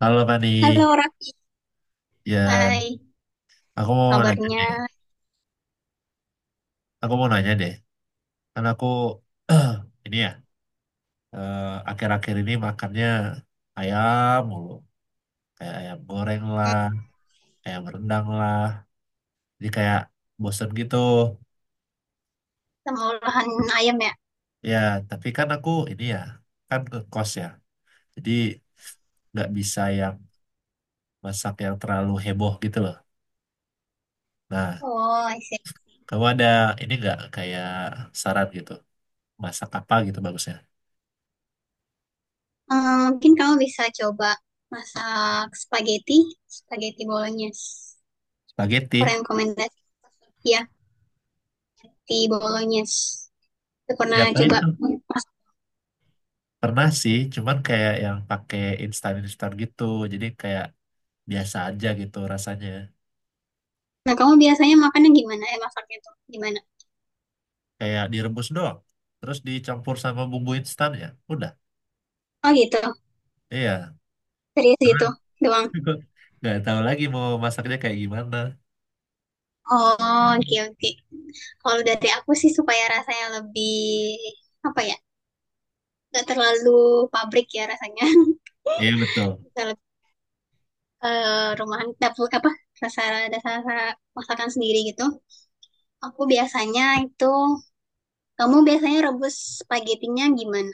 Halo Fani, Halo Raki, ya hai, aku mau nanya kabarnya. deh, aku mau nanya deh, kan aku ini ya eh, akhir-akhir ini makannya ayam mulu, kayak ayam goreng Hmm, lah, ayam rendang lah, jadi kayak bosen gitu. sama olahan ayam ya? Ya, tapi kan aku ini ya, kan ke kos ya, jadi nggak bisa yang masak yang terlalu heboh gitu loh. Nah, Oh, I see. kamu ada ini nggak kayak saran gitu, masak apa gitu bagusnya? Mungkin kamu bisa coba masak spaghetti, spaghetti bolognese. Spaghetti, Rekomendasi, ya, di bolognese. Aku pernah coba diapain? masak. Pernah sih, cuman kayak yang pakai instan-instan gitu. Jadi kayak biasa aja gitu rasanya. Nah, kamu biasanya makannya gimana? Masaknya tuh gimana? Kayak direbus doang. Terus dicampur sama bumbu instan ya. Udah. Oh gitu, Iya. serius Karena gitu doang. nggak tahu lagi mau masaknya kayak gimana. Oh, oke oke. Kalau dari aku sih supaya rasanya lebih, apa ya, gak terlalu pabrik ya rasanya. Iya betul. Bisa rumahan, dapur, apa dasar dasar masakan sendiri gitu. Aku biasanya itu kamu biasanya rebus spagetinya gimana?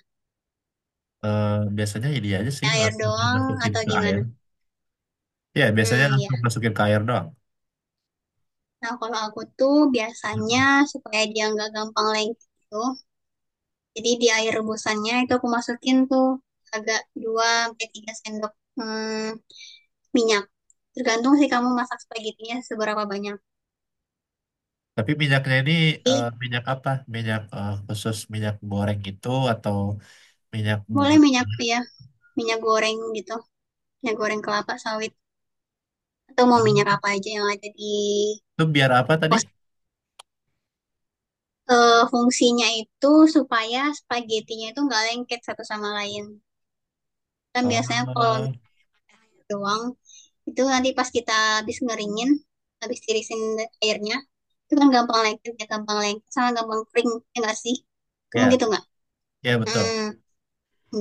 Eh, biasanya ini aja sih Air langsung doang dimasukin atau ke gimana? air. Ya biasanya Hmm, ya. langsung masukin ke air doang. Nah, kalau aku tuh biasanya supaya dia nggak gampang lengket gitu, jadi di air rebusannya itu aku masukin tuh agak 2 sampai 3 sendok hmm, minyak. Tergantung sih kamu masak spagetinya seberapa banyak. Tapi minyaknya ini Jadi minyak apa? Minyak khusus minyak goreng itu atau minyak bunga? boleh minyak ya, minyak goreng gitu, minyak goreng kelapa sawit, atau mau Hmm, minyak apa aja yang ada di itu biar apa tadi? pos. Fungsinya itu supaya spaghettinya itu nggak lengket satu sama lain. Kan biasanya kalau Oh, minyak doang itu nanti pas kita habis ngeringin, habis tirisin airnya, itu kan gampang lengket ya, gampang lengket sama gampang kering. Ya nggak sih, kamu ya, gitu nggak? ya betul. Hmm.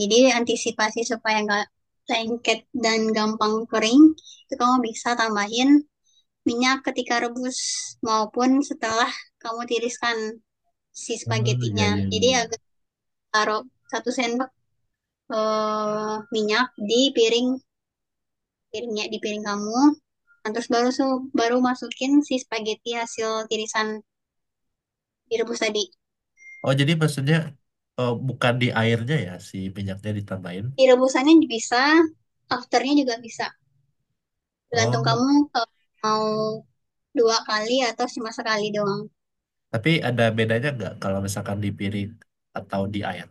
Jadi antisipasi supaya nggak lengket dan gampang kering itu kamu bisa tambahin minyak ketika rebus maupun setelah kamu tiriskan si Oh, ya, spaghettinya. ya, ya, Jadi ya. agak taruh 1 sendok minyak di piring, piringnya, di piring kamu. Nah, terus baru baru masukin si spaghetti hasil tirisan direbus tadi. Oh, jadi maksudnya bukan di airnya ya si minyaknya ditambahin. Direbusannya bisa, afternya juga bisa. Oh, Tergantung kamu eh, mau 2 kali atau cuma sekali doang. tapi ada bedanya nggak kalau misalkan di piring atau di air?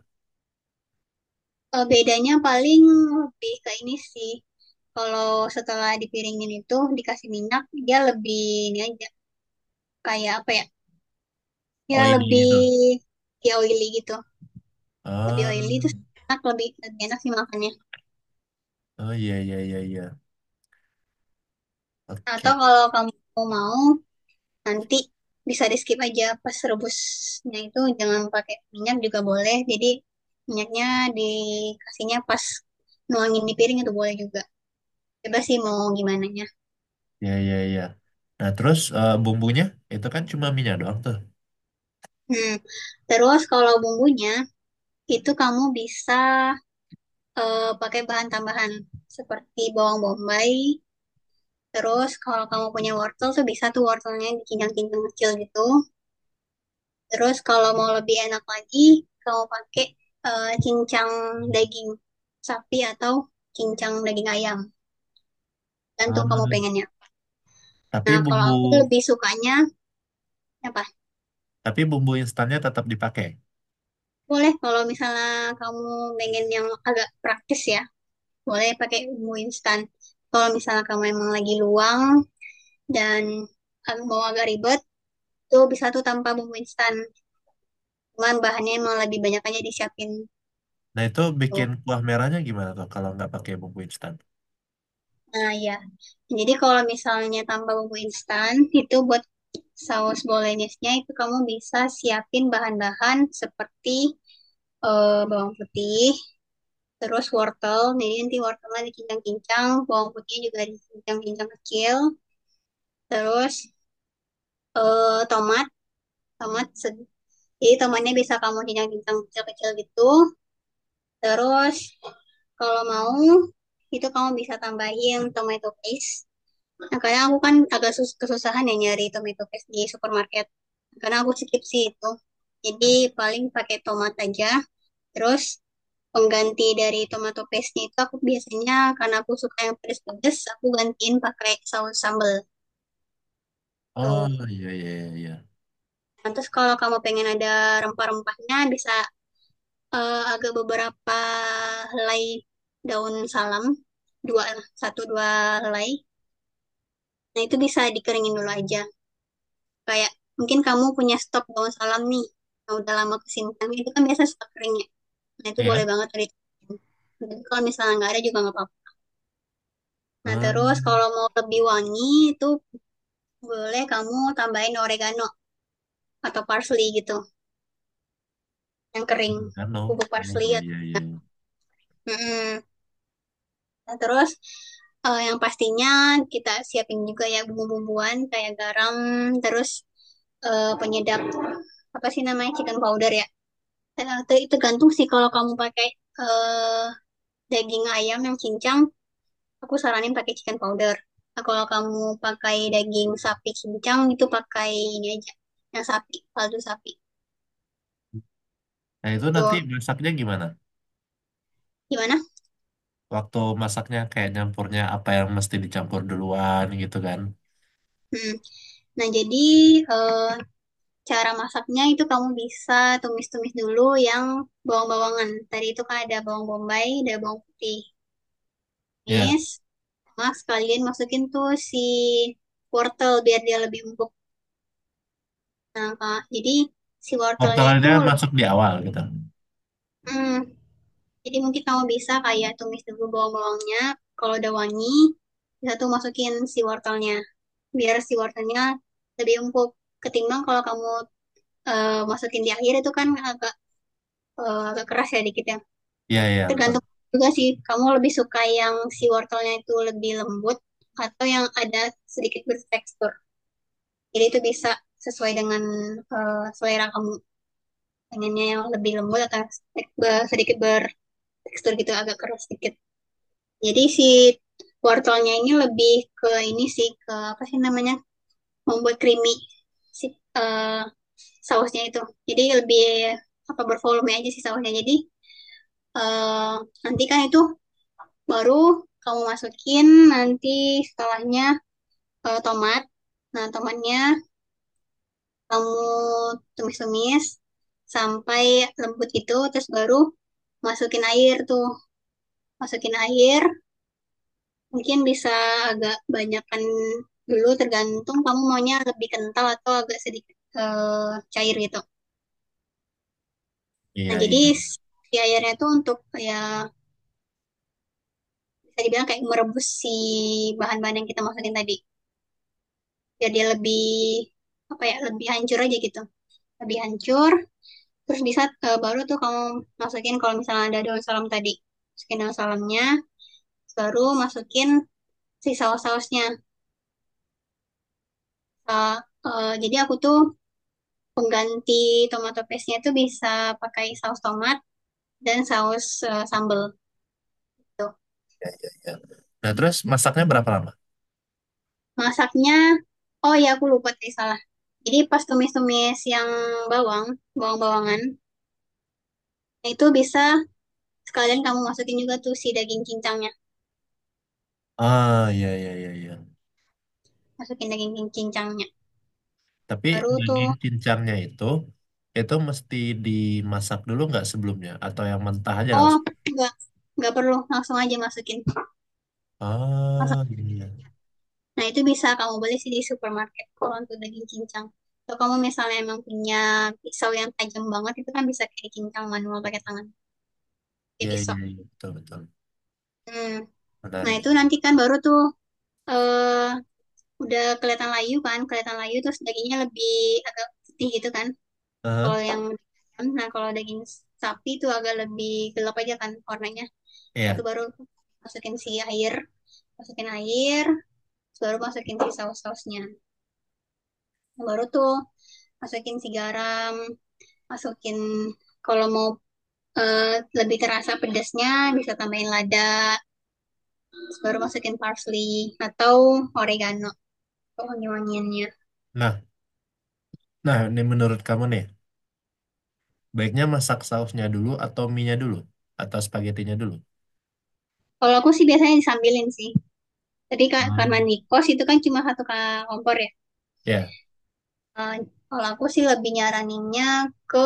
Bedanya paling lebih ke ini sih. Kalau setelah dipiringin itu dikasih minyak, dia lebih ini aja, kayak apa ya? Ya Oily lebih, gitu. ya oily gitu. Lebih oily itu Oh, enak, lebih enak sih makannya. iya, iya, iya, iya. Ah, oh ya, ya, ya, ya. Atau Oke, kalau kamu mau, nanti bisa di skip aja, pas rebusnya itu jangan pakai minyak juga boleh, jadi minyaknya dikasihnya pas nuangin di piring, itu boleh juga. Bebas sih mau gimana nya. ya, ya, ya. Nah, terus bumbunya itu kan cuma minyak doang tuh. hmm. Terus kalau bumbunya itu kamu bisa pakai bahan tambahan seperti bawang bombay. Terus kalau kamu punya wortel, tuh bisa tuh wortelnya dicincang-cincang kecil gitu. Terus kalau mau lebih enak lagi, kamu pakai cincang daging sapi atau cincang daging ayam, gantung kamu Hmm, pengennya. tapi Nah, kalau bumbu, aku lebih sukanya apa? tapi bumbu instannya tetap dipakai. Boleh kalau misalnya kamu pengen yang agak praktis ya, boleh pakai bumbu instan. Kalau misalnya kamu emang lagi luang dan mau agak ribet, tuh bisa tuh tanpa bumbu instan. Cuman bahannya emang lebih banyak aja disiapin. Nah, itu bikin Tuh. kuah merahnya gimana tuh kalau nggak pakai bumbu instan? Nah, ya. Jadi kalau misalnya tambah bumbu instan, itu buat saus bolognese-nya itu kamu bisa siapin bahan-bahan seperti bawang putih, terus wortel. Jadi nanti wortelnya dikincang-kincang, bawang putihnya juga dikincang-kincang kecil, terus tomat, tomat se- jadi tomatnya bisa kamu kincang-kincang kecil-kecil gitu. Terus kalau mau, itu kamu bisa tambahin tomato paste. Nah, karena aku kan agak kesusahan ya nyari tomato paste di supermarket. Karena aku skip sih itu. Jadi paling pakai tomat aja. Terus pengganti dari tomato paste itu, aku biasanya karena aku suka yang pedes-pedes, aku gantiin pakai saus sambal. Tuh. Oh iya iya iya iya. Nah, terus kalau kamu pengen ada rempah-rempahnya, bisa agak beberapa helai daun salam, dua, satu dua helai. Nah, itu bisa dikeringin dulu aja, kayak mungkin kamu punya stok daun salam nih yang udah lama kesimpan. Itu kan biasa stok kering ya, nah itu Iya kan? boleh banget tuh dicobain. Jadi kalau misalnya nggak ada juga nggak apa-apa. Nah, terus Hmm, kalau mau lebih wangi, itu boleh kamu tambahin oregano atau parsley gitu, yang kering, kan loh. bubuk Oh parsley iya atau. iya iya, iya. Mm-mm. Nah, terus yang pastinya kita siapin juga ya, bumbu-bumbuan kayak garam, terus penyedap, apa sih namanya, chicken powder ya. Tergantung sih, kalau kamu pakai eh, daging ayam yang cincang, aku saranin pakai chicken powder. Nah, kalau kamu pakai daging sapi cincang, itu pakai ini aja, yang sapi, kaldu sapi. Nah itu Itu nanti masaknya gimana? gimana? Waktu masaknya kayak nyampurnya apa yang mesti dicampur duluan gitu kan? Hmm. Nah, jadi eh, cara masaknya itu kamu bisa tumis-tumis dulu yang bawang-bawangan. Tadi itu kan ada bawang bombay, ada bawang putih. Iya. Tumis, sama sekalian masukin tuh si wortel biar dia lebih empuk. Kak. Jadi si wortelnya itu, Mortadelnya masuk di awal gitu. hmm, jadi mungkin kamu bisa kayak tumis dulu bawang-bawangnya. Kalau udah wangi, bisa tuh masukin si wortelnya. Biar si wortelnya lebih empuk. Ketimbang kalau kamu masukin di akhir, itu kan agak keras ya dikit ya. Iya iya betul. Tergantung juga sih, kamu lebih suka yang si wortelnya itu lebih lembut atau yang ada sedikit bertekstur. Jadi itu bisa sesuai dengan selera kamu, pengennya yang lebih lembut atau sedikit ber tekstur gitu, agak keras sedikit. Jadi si wortelnya ini lebih ke ini sih, ke apa sih namanya, membuat creamy si eh, sausnya itu. Jadi lebih apa, bervolume aja sih sausnya. Jadi eh, nanti kan itu baru kamu masukin, nanti setelahnya tomat. Nah, tomatnya kamu tumis-tumis sampai lembut gitu, terus baru masukin air tuh, masukin air. Mungkin bisa agak banyakan dulu, tergantung kamu maunya lebih kental atau agak sedikit cair gitu. Nah, Iya jadi iya, iya. si airnya itu untuk, ya bisa dibilang kayak merebus si bahan-bahan yang kita masukin tadi. Biar dia lebih apa ya, lebih hancur aja gitu. Lebih hancur, terus bisa baru tuh kamu masukin, kalau misalnya ada daun salam tadi. Masukin daun salamnya, baru masukin si saus-sausnya. Eh, jadi aku tuh, pengganti tomato paste-nya itu bisa pakai saus tomat dan saus sambal gitu. Nah terus masaknya berapa lama? Masaknya, oh ya aku lupa tadi salah. Jadi pas tumis-tumis yang bawang, bawang-bawangan, itu bisa sekalian kamu masukin juga tuh si daging cincangnya. Ah iya iya iya iya. Masukin daging cincangnya. Tapi Baru tuh, daging cincangnya itu mesti dimasak dulu nggak sebelumnya atau yang mentah aja oh langsung? enggak, enggak perlu, langsung aja masukin. Langsung. Ah iya Nah, itu bisa kamu beli sih di supermarket kalau untuk daging cincang. Kalau kamu misalnya emang punya pisau yang tajam banget, itu kan bisa kayak cincang manual pakai tangan, kayak iya iya pisau. iya betul betul. Hmm. Nah, Menarik. itu nanti kan baru tuh, eh udah kelihatan layu kan, kelihatan layu, terus dagingnya lebih agak putih gitu kan. Heeh, Kalau yang nah kalau daging sapi itu agak lebih gelap aja kan warnanya. Nah, itu iya. baru masukin si air, masukin air, terus baru masukin si saus-sausnya. Nah, baru tuh masukin si garam, masukin kalau mau eh, lebih terasa pedasnya, bisa tambahin lada, terus baru masukin parsley atau oregano. Oh, wangi-wangiannya. Nah, nah, ini menurut kamu nih, baiknya masak sausnya dulu atau minyak dulu atau spagettinya dulu? Kalau aku sih biasanya disambilin sih. Tadi kan karena Ah. nikos itu kan cuma satu kompor ya. Ya, Eh, kalau aku sih lebih nyaraninnya ke,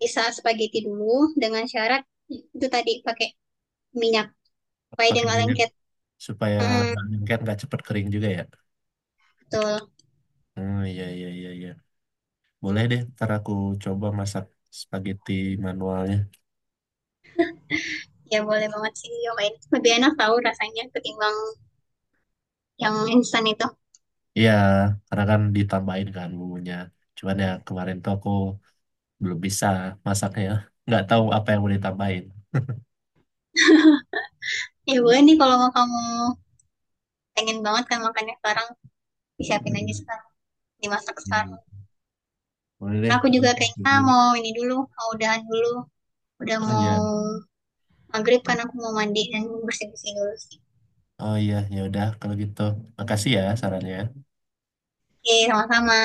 bisa spaghetti dulu dengan syarat itu tadi pakai minyak supaya dia pakai nggak minyak lengket. supaya Hmm, nggak lengket, nggak cepet kering juga ya. betul. Hmm, iya, iya, iya, iya. Boleh deh, ntar aku coba masak spaghetti manualnya. Ya boleh banget sih diomelin. Lebih enak tahu rasanya ketimbang yang instan itu. Iya, karena kan ditambahin kan bumbunya. Cuman ya kemarin tuh aku belum bisa masaknya. Nggak tahu apa yang mau ditambahin. Ya boleh nih, kalau kamu pengen banget kan makannya sekarang, disiapin aja Hmm, sekarang, dimasak sekarang. iya. Boleh deh, Aku ntar juga aku kayaknya cobain. mau ini dulu, mau udahan dulu, udah Ah, mau iya. maghrib, kan aku mau mandi dan bersih-bersih dulu sih. Oh iya, ya udah kalau gitu. Makasih ya sarannya. Oke, sama-sama.